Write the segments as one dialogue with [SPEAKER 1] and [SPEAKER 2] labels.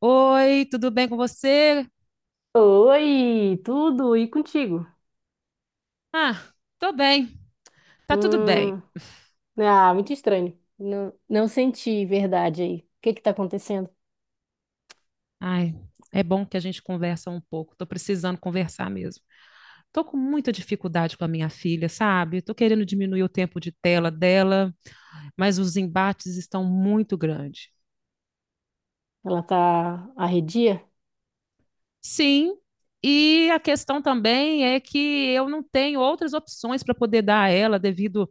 [SPEAKER 1] Oi, tudo bem com você?
[SPEAKER 2] Oi, tudo e contigo?
[SPEAKER 1] Ah, tô bem, tá tudo bem.
[SPEAKER 2] Hum, muito estranho. Não, não senti verdade aí. O que que tá acontecendo?
[SPEAKER 1] Ai, é bom que a gente conversa um pouco, tô precisando conversar mesmo. Tô com muita dificuldade com a minha filha, sabe? Tô querendo diminuir o tempo de tela dela, mas os embates estão muito grandes.
[SPEAKER 2] Ela tá arredia?
[SPEAKER 1] Sim, e a questão também é que eu não tenho outras opções para poder dar a ela devido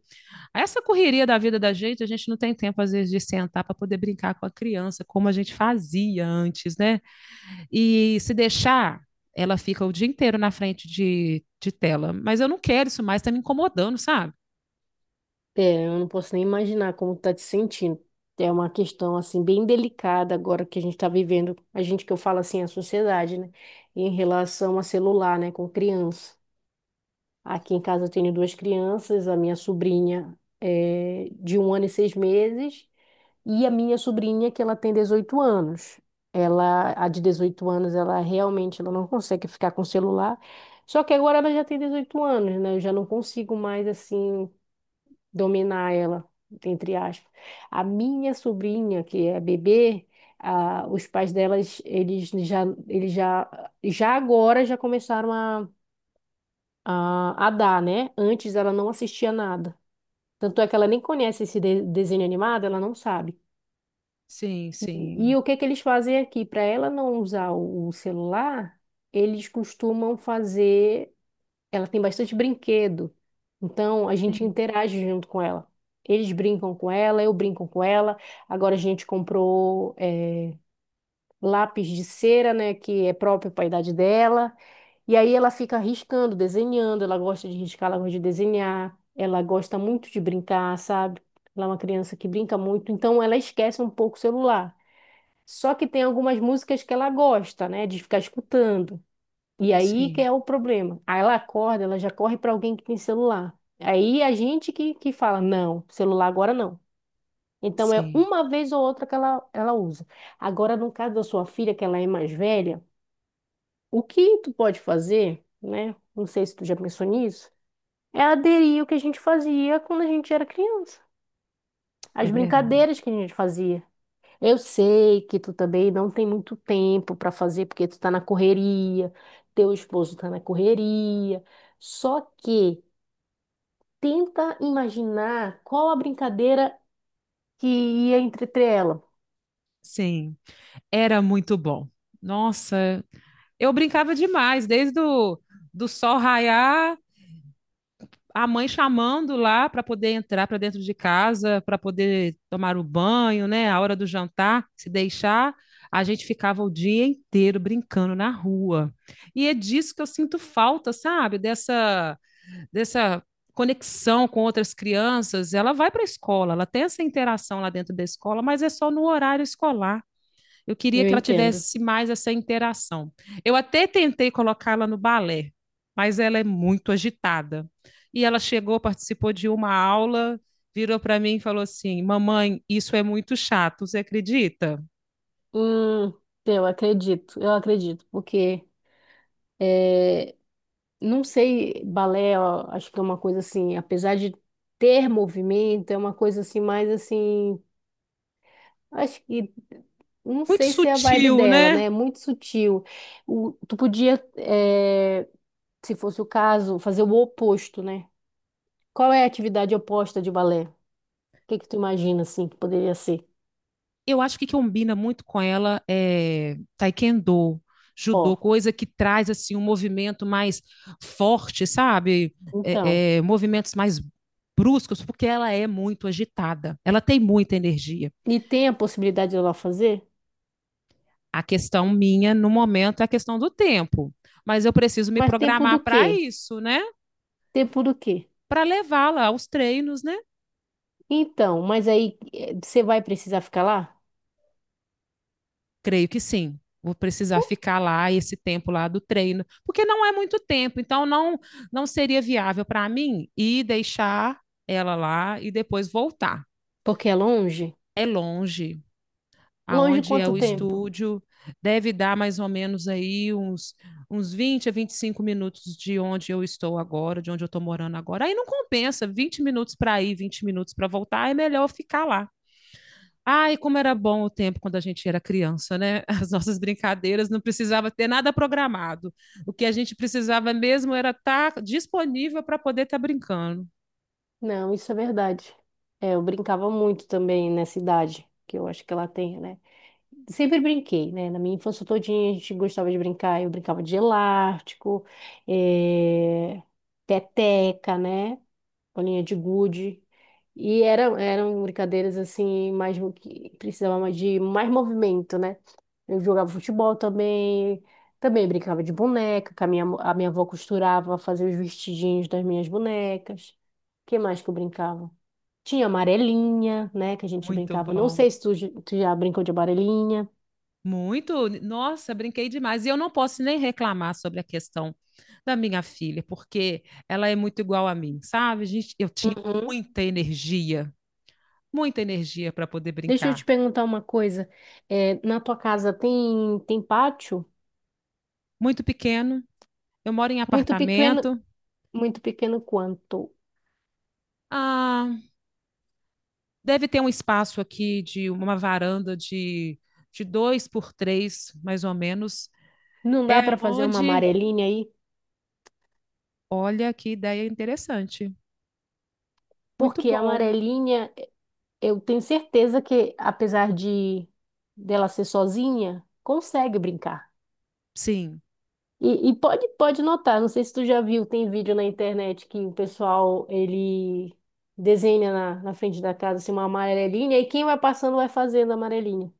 [SPEAKER 1] a essa correria da vida da gente, a gente não tem tempo às vezes de sentar para poder brincar com a criança, como a gente fazia antes, né? E se deixar, ela fica o dia inteiro na frente de tela. Mas eu não quero isso mais, tá me incomodando, sabe?
[SPEAKER 2] É, eu não posso nem imaginar como tá te sentindo. É uma questão assim bem delicada agora que a gente tá vivendo. A gente que eu falo assim, a sociedade, né? Em relação a celular, né, com criança. Aqui em casa eu tenho duas crianças, a minha sobrinha é de 1 ano e 6 meses. E a minha sobrinha, que ela tem 18 anos. Ela, a de 18 anos, ela realmente ela não consegue ficar com o celular. Só que agora ela já tem 18 anos, né? Eu já não consigo mais, assim, dominar ela, entre aspas. A minha sobrinha, que é bebê, os pais delas, eles já agora já começaram a dar, né? Antes ela não assistia nada. Tanto é que ela nem conhece esse desenho animado, ela não sabe.
[SPEAKER 1] Sim,
[SPEAKER 2] E
[SPEAKER 1] sim,
[SPEAKER 2] o que que eles fazem aqui? Para ela não usar o celular, eles costumam fazer. Ela tem bastante brinquedo, então a gente
[SPEAKER 1] sim,
[SPEAKER 2] interage junto com ela. Eles brincam com ela, eu brinco com ela. Agora a gente comprou lápis de cera, né, que é próprio para a idade dela. E aí ela fica riscando, desenhando. Ela gosta de riscar, ela gosta de desenhar. Ela gosta muito de brincar, sabe? Ela é uma criança que brinca muito, então ela esquece um pouco o celular. Só que tem algumas músicas que ela gosta, né, de ficar escutando. E aí que
[SPEAKER 1] sim,
[SPEAKER 2] é o problema. Aí ela acorda, ela já corre para alguém que tem celular. Aí a gente que fala, não, celular agora não. Então é
[SPEAKER 1] sim.
[SPEAKER 2] uma vez ou outra que ela usa. Agora, no caso da sua filha, que ela é mais velha, o que tu pode fazer, né? Não sei se tu já pensou nisso, é aderir ao que a gente fazia quando a gente era criança.
[SPEAKER 1] É
[SPEAKER 2] As
[SPEAKER 1] verdade.
[SPEAKER 2] brincadeiras que a gente fazia. Eu sei que tu também não tem muito tempo para fazer, porque tu tá na correria, teu esposo tá na correria. Só que tenta imaginar qual a brincadeira que ia entreter ela.
[SPEAKER 1] Sim, era muito bom. Nossa, eu brincava demais, desde o do sol raiar, a mãe chamando lá para poder entrar para dentro de casa, para poder tomar o banho, né? A hora do jantar, se deixar, a gente ficava o dia inteiro brincando na rua. E é disso que eu sinto falta, sabe? Dessa conexão com outras crianças. Ela vai para a escola, ela tem essa interação lá dentro da escola, mas é só no horário escolar. Eu queria
[SPEAKER 2] Eu
[SPEAKER 1] que ela
[SPEAKER 2] entendo.
[SPEAKER 1] tivesse mais essa interação. Eu até tentei colocá-la no balé, mas ela é muito agitada. E ela chegou, participou de uma aula, virou para mim e falou assim: "Mamãe, isso é muito chato, você acredita?"
[SPEAKER 2] Hum, eu acredito, eu acredito, porque não sei, balé, ó, acho que é uma coisa assim, apesar de ter movimento, é uma coisa assim mais assim. Acho que não
[SPEAKER 1] Muito
[SPEAKER 2] sei se é a vibe
[SPEAKER 1] sutil,
[SPEAKER 2] dela,
[SPEAKER 1] né?
[SPEAKER 2] né? É muito sutil. Tu podia, se fosse o caso, fazer o oposto, né? Qual é a atividade oposta de balé? O que que tu imagina assim que poderia ser?
[SPEAKER 1] Eu acho que combina muito com ela é taekwondo, judô,
[SPEAKER 2] Ó,
[SPEAKER 1] coisa que traz assim um movimento mais forte, sabe?
[SPEAKER 2] então.
[SPEAKER 1] Movimentos mais bruscos, porque ela é muito agitada, ela tem muita energia.
[SPEAKER 2] E tem a possibilidade de ela fazer?
[SPEAKER 1] A questão minha no momento é a questão do tempo, mas eu preciso me
[SPEAKER 2] Mas tempo
[SPEAKER 1] programar
[SPEAKER 2] do
[SPEAKER 1] para
[SPEAKER 2] quê?
[SPEAKER 1] isso, né?
[SPEAKER 2] Tempo do quê?
[SPEAKER 1] Para levá-la aos treinos, né?
[SPEAKER 2] Então, mas aí você vai precisar ficar lá?
[SPEAKER 1] Creio que sim. Vou precisar ficar lá esse tempo lá do treino, porque não é muito tempo, então não seria viável para mim ir deixar ela lá e depois voltar.
[SPEAKER 2] Porque é longe?
[SPEAKER 1] É longe,
[SPEAKER 2] Longe
[SPEAKER 1] aonde é
[SPEAKER 2] quanto
[SPEAKER 1] o
[SPEAKER 2] tempo?
[SPEAKER 1] estúdio, deve dar mais ou menos aí uns 20 a 25 minutos de onde eu estou agora, de onde eu estou morando agora. Aí não compensa, 20 minutos para ir, 20 minutos para voltar, é melhor ficar lá. Ai, como era bom o tempo quando a gente era criança, né? As nossas brincadeiras não precisava ter nada programado. O que a gente precisava mesmo era estar disponível para poder estar brincando.
[SPEAKER 2] Não, isso é verdade. É, eu brincava muito também nessa idade, que eu acho que ela tem, né? Sempre brinquei, né? Na minha infância todinha a gente gostava de brincar. Eu brincava de elástico, eh, peteca, né? Bolinha de gude. E eram brincadeiras assim, mais que precisavam de mais movimento, né? Eu jogava futebol também, também brincava de boneca, que a minha avó costurava, fazia os vestidinhos das minhas bonecas. Que mais que eu brincava? Tinha amarelinha, né, que a gente
[SPEAKER 1] Muito
[SPEAKER 2] brincava. Não
[SPEAKER 1] bom.
[SPEAKER 2] sei se tu já brincou de amarelinha.
[SPEAKER 1] Muito. Nossa, brinquei demais. E eu não posso nem reclamar sobre a questão da minha filha, porque ela é muito igual a mim, sabe? A gente, eu tinha
[SPEAKER 2] Uhum.
[SPEAKER 1] muita energia, muita energia para poder
[SPEAKER 2] Deixa eu te
[SPEAKER 1] brincar.
[SPEAKER 2] perguntar uma coisa. É, na tua casa tem pátio?
[SPEAKER 1] Muito pequeno, eu moro em
[SPEAKER 2] Muito pequeno,
[SPEAKER 1] apartamento.
[SPEAKER 2] muito pequeno quanto?
[SPEAKER 1] Ah, deve ter um espaço aqui de uma varanda de dois por três, mais ou menos.
[SPEAKER 2] Não dá
[SPEAKER 1] É
[SPEAKER 2] para fazer uma
[SPEAKER 1] onde,
[SPEAKER 2] amarelinha aí?
[SPEAKER 1] olha que ideia interessante. Muito
[SPEAKER 2] Porque a
[SPEAKER 1] bom.
[SPEAKER 2] amarelinha, eu tenho certeza que, apesar de dela ser sozinha, consegue brincar.
[SPEAKER 1] Sim,
[SPEAKER 2] E pode notar, não sei se tu já viu, tem vídeo na internet que o pessoal, ele desenha na frente da casa, assim, uma amarelinha, e quem vai passando vai fazendo a amarelinha.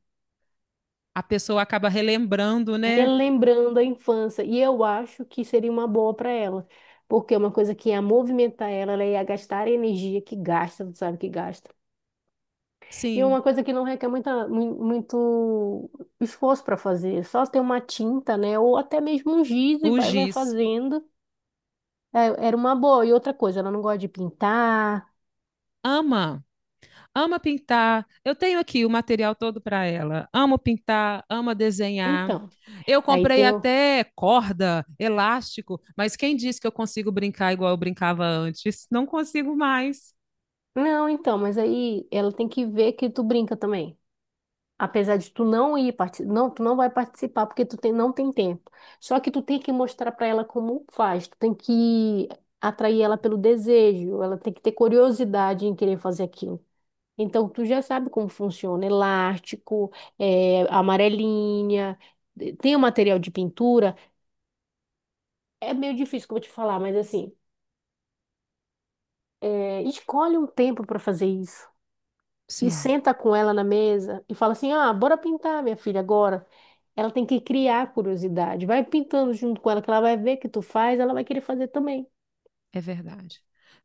[SPEAKER 1] a pessoa acaba relembrando, né?
[SPEAKER 2] Relembrando a infância. E eu acho que seria uma boa para ela. Porque é uma coisa que ia movimentar ela, ela ia gastar a energia que gasta, tu sabe que gasta. E é
[SPEAKER 1] Sim,
[SPEAKER 2] uma coisa que não requer muito esforço para fazer, só ter uma tinta, né? Ou até mesmo um giz e
[SPEAKER 1] o
[SPEAKER 2] vai
[SPEAKER 1] giz.
[SPEAKER 2] fazendo. É, era uma boa. E outra coisa, ela não gosta de pintar.
[SPEAKER 1] Ama, ama pintar. Eu tenho aqui o material todo para ela. Amo pintar, ama desenhar.
[SPEAKER 2] Então,
[SPEAKER 1] Eu
[SPEAKER 2] aí
[SPEAKER 1] comprei
[SPEAKER 2] tem o.
[SPEAKER 1] até corda, elástico, mas quem disse que eu consigo brincar igual eu brincava antes? Não consigo mais.
[SPEAKER 2] Não, então, mas aí ela tem que ver que tu brinca também. Apesar de tu não ir não, tu não vai participar porque tu tem, não tem tempo. Só que tu tem que mostrar para ela como faz. Tu tem que atrair ela pelo desejo. Ela tem que ter curiosidade em querer fazer aquilo. Então, tu já sabe como funciona elástico, amarelinha, tem o material de pintura. É meio difícil que eu vou te falar, mas assim, escolhe um tempo para fazer isso. E
[SPEAKER 1] Sim.
[SPEAKER 2] senta com ela na mesa e fala assim: ah, bora pintar, minha filha, agora. Ela tem que criar a curiosidade. Vai pintando junto com ela, que ela vai ver que tu faz, ela vai querer fazer também.
[SPEAKER 1] É verdade.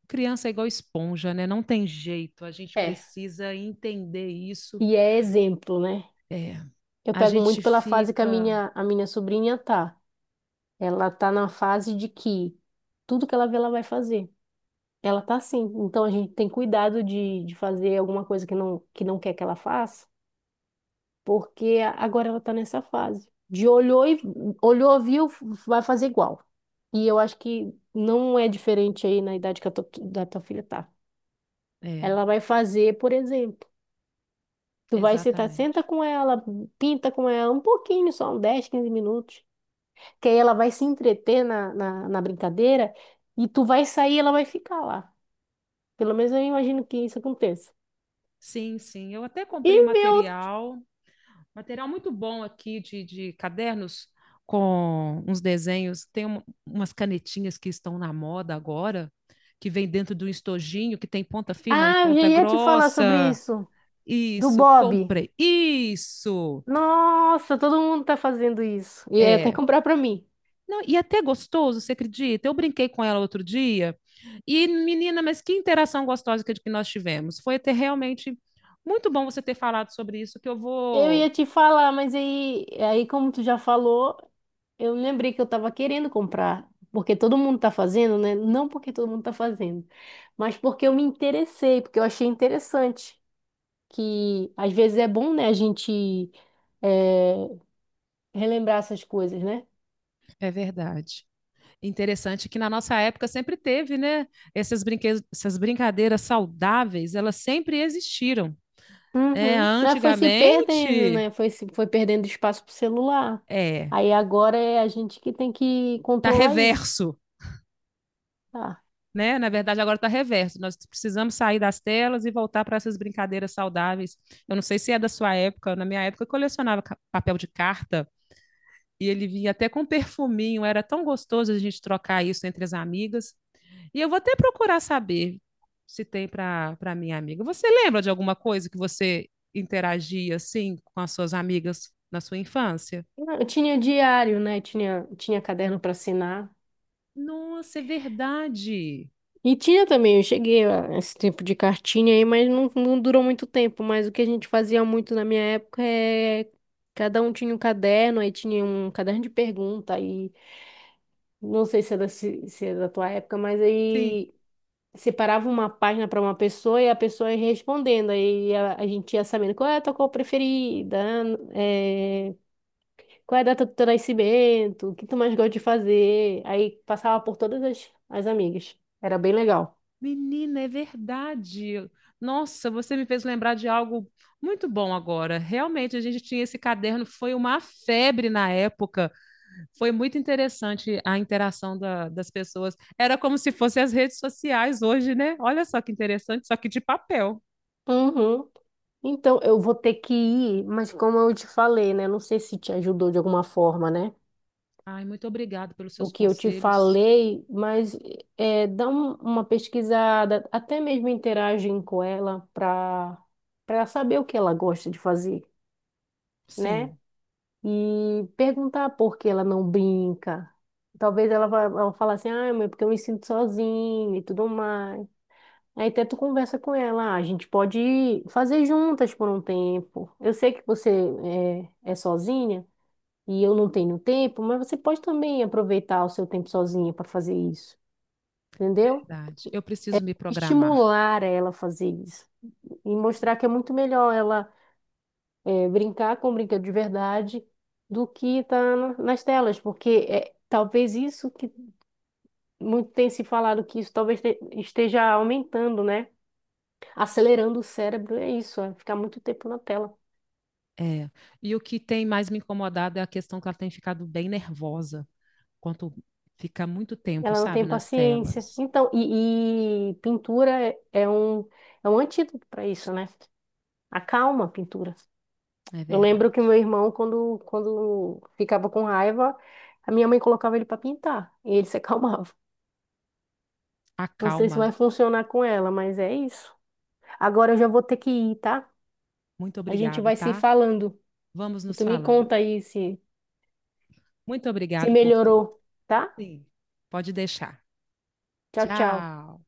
[SPEAKER 1] Criança é igual esponja, né? Não tem jeito. A gente
[SPEAKER 2] É.
[SPEAKER 1] precisa entender isso.
[SPEAKER 2] E é exemplo, né?
[SPEAKER 1] É,
[SPEAKER 2] Eu
[SPEAKER 1] a
[SPEAKER 2] pego
[SPEAKER 1] gente
[SPEAKER 2] muito pela fase que a
[SPEAKER 1] fica.
[SPEAKER 2] minha, a minha sobrinha tá. Ela tá na fase de que tudo que ela vê, ela vai fazer. Ela tá assim. Então a gente tem cuidado de fazer alguma coisa que não, quer que ela faça, porque agora ela tá nessa fase. De olhou e olhou, viu, vai fazer igual. E eu acho que não é diferente aí na idade que a tua, da tua filha tá.
[SPEAKER 1] É,
[SPEAKER 2] Ela vai fazer, por exemplo, tu vai sentar, senta
[SPEAKER 1] exatamente.
[SPEAKER 2] com ela, pinta com ela um pouquinho, só um 10, 15 minutos. Que aí ela vai se entreter na brincadeira e tu vai sair e ela vai ficar lá. Pelo menos eu imagino que isso aconteça.
[SPEAKER 1] Sim, sim. Eu até
[SPEAKER 2] E
[SPEAKER 1] comprei um
[SPEAKER 2] ver outro.
[SPEAKER 1] material, material muito bom aqui de cadernos com uns desenhos. Tem umas canetinhas que estão na moda agora, que vem dentro de um estojinho que tem ponta fina e
[SPEAKER 2] Ah, eu já
[SPEAKER 1] ponta
[SPEAKER 2] ia te falar sobre
[SPEAKER 1] grossa.
[SPEAKER 2] isso, do
[SPEAKER 1] Isso,
[SPEAKER 2] Bob.
[SPEAKER 1] comprei. Isso!
[SPEAKER 2] Nossa, todo mundo tá fazendo isso. E ia até
[SPEAKER 1] É.
[SPEAKER 2] comprar pra mim.
[SPEAKER 1] Não, e é até gostoso, você acredita? Eu brinquei com ela outro dia e, menina, mas que interação gostosa que nós tivemos. Foi até realmente muito bom você ter falado sobre isso, que eu
[SPEAKER 2] Eu
[SPEAKER 1] vou.
[SPEAKER 2] ia te falar, mas aí como tu já falou, eu lembrei que eu tava querendo comprar. Porque todo mundo tá fazendo, né? Não porque todo mundo tá fazendo, mas porque eu me interessei, porque eu achei interessante. Que às vezes é bom, né, a gente é, relembrar essas coisas, né?
[SPEAKER 1] É verdade. Interessante que na nossa época sempre teve, né? Essas, brinque... Essas brincadeiras saudáveis, elas sempre existiram. É,
[SPEAKER 2] Uhum. Mas foi se perdendo,
[SPEAKER 1] antigamente,
[SPEAKER 2] né? Foi, se- foi perdendo espaço pro celular.
[SPEAKER 1] é,
[SPEAKER 2] Aí agora é a gente que tem que
[SPEAKER 1] tá
[SPEAKER 2] controlar isso.
[SPEAKER 1] reverso.
[SPEAKER 2] Tá.
[SPEAKER 1] Né? Na verdade, agora está reverso. Nós precisamos sair das telas e voltar para essas brincadeiras saudáveis. Eu não sei se é da sua época, na minha época eu colecionava papel de carta e ele vinha até com um perfuminho, era tão gostoso a gente trocar isso entre as amigas. E eu vou até procurar saber se tem para minha amiga. Você lembra de alguma coisa que você interagia assim com as suas amigas na sua infância?
[SPEAKER 2] Eu tinha diário, né? Tinha caderno para assinar.
[SPEAKER 1] Nossa, é verdade.
[SPEAKER 2] E tinha também, eu cheguei a esse tempo de cartinha aí, mas não, não durou muito tempo. Mas o que a gente fazia muito na minha época é. Cada um tinha um caderno, aí tinha um caderno de pergunta, aí não sei se é da, se é da tua época, mas
[SPEAKER 1] Sim.
[SPEAKER 2] aí separava uma página para uma pessoa e a pessoa ia respondendo. Aí a gente ia sabendo qual é a tua cor preferida, né? É, qual é a data do teu nascimento, o que tu mais gosta de fazer. Aí passava por todas as amigas. Era bem legal.
[SPEAKER 1] Menina, é verdade. Nossa, você me fez lembrar de algo muito bom agora. Realmente, a gente tinha esse caderno, foi uma febre na época. Foi muito interessante a interação das pessoas. Era como se fossem as redes sociais hoje, né? Olha só que interessante, só que de papel.
[SPEAKER 2] Uhum. Então, eu vou ter que ir, mas como eu te falei, né? Não sei se te ajudou de alguma forma, né?
[SPEAKER 1] Ai, muito obrigada pelos
[SPEAKER 2] O
[SPEAKER 1] seus
[SPEAKER 2] que eu te
[SPEAKER 1] conselhos.
[SPEAKER 2] falei, mas dá uma pesquisada, até mesmo interagem com ela para saber o que ela gosta de fazer, né?
[SPEAKER 1] Sim,
[SPEAKER 2] E perguntar por que ela não brinca. Talvez ela vá ela falar assim, ah, mãe, porque eu me sinto sozinha e tudo mais. Aí até tu conversa com ela, "Ah, a gente pode fazer juntas por um tempo. Eu sei que você é sozinha e eu não tenho tempo, mas você pode também aproveitar o seu tempo sozinha para fazer isso, entendeu?
[SPEAKER 1] verdade. Eu preciso me programar.
[SPEAKER 2] Estimular ela a fazer isso e mostrar que é muito melhor ela brincar com brinquedo de verdade do que estar nas telas, porque é talvez isso que muito tem se falado que isso talvez esteja aumentando, né? Acelerando o cérebro, é isso, é ficar muito tempo na tela.
[SPEAKER 1] É. E o que tem mais me incomodado é a questão que ela tem ficado bem nervosa quando fica muito tempo,
[SPEAKER 2] Ela não
[SPEAKER 1] sabe,
[SPEAKER 2] tem
[SPEAKER 1] nas
[SPEAKER 2] paciência.
[SPEAKER 1] telas.
[SPEAKER 2] Então, e pintura é um antídoto para isso, né? Acalma a pintura.
[SPEAKER 1] É
[SPEAKER 2] Eu lembro que
[SPEAKER 1] verdade.
[SPEAKER 2] meu irmão, quando ficava com raiva, a minha mãe colocava ele para pintar e ele se acalmava. Não sei se
[SPEAKER 1] Acalma.
[SPEAKER 2] vai funcionar com ela, mas é isso. Agora eu já vou ter que ir, tá?
[SPEAKER 1] Muito
[SPEAKER 2] A gente
[SPEAKER 1] obrigado,
[SPEAKER 2] vai se
[SPEAKER 1] tá?
[SPEAKER 2] falando.
[SPEAKER 1] Vamos
[SPEAKER 2] E
[SPEAKER 1] nos
[SPEAKER 2] tu me
[SPEAKER 1] falando.
[SPEAKER 2] conta aí se,
[SPEAKER 1] Muito
[SPEAKER 2] se
[SPEAKER 1] obrigado por tudo.
[SPEAKER 2] melhorou, tá?
[SPEAKER 1] Sim. Pode deixar.
[SPEAKER 2] Tchau, tchau.
[SPEAKER 1] Tchau.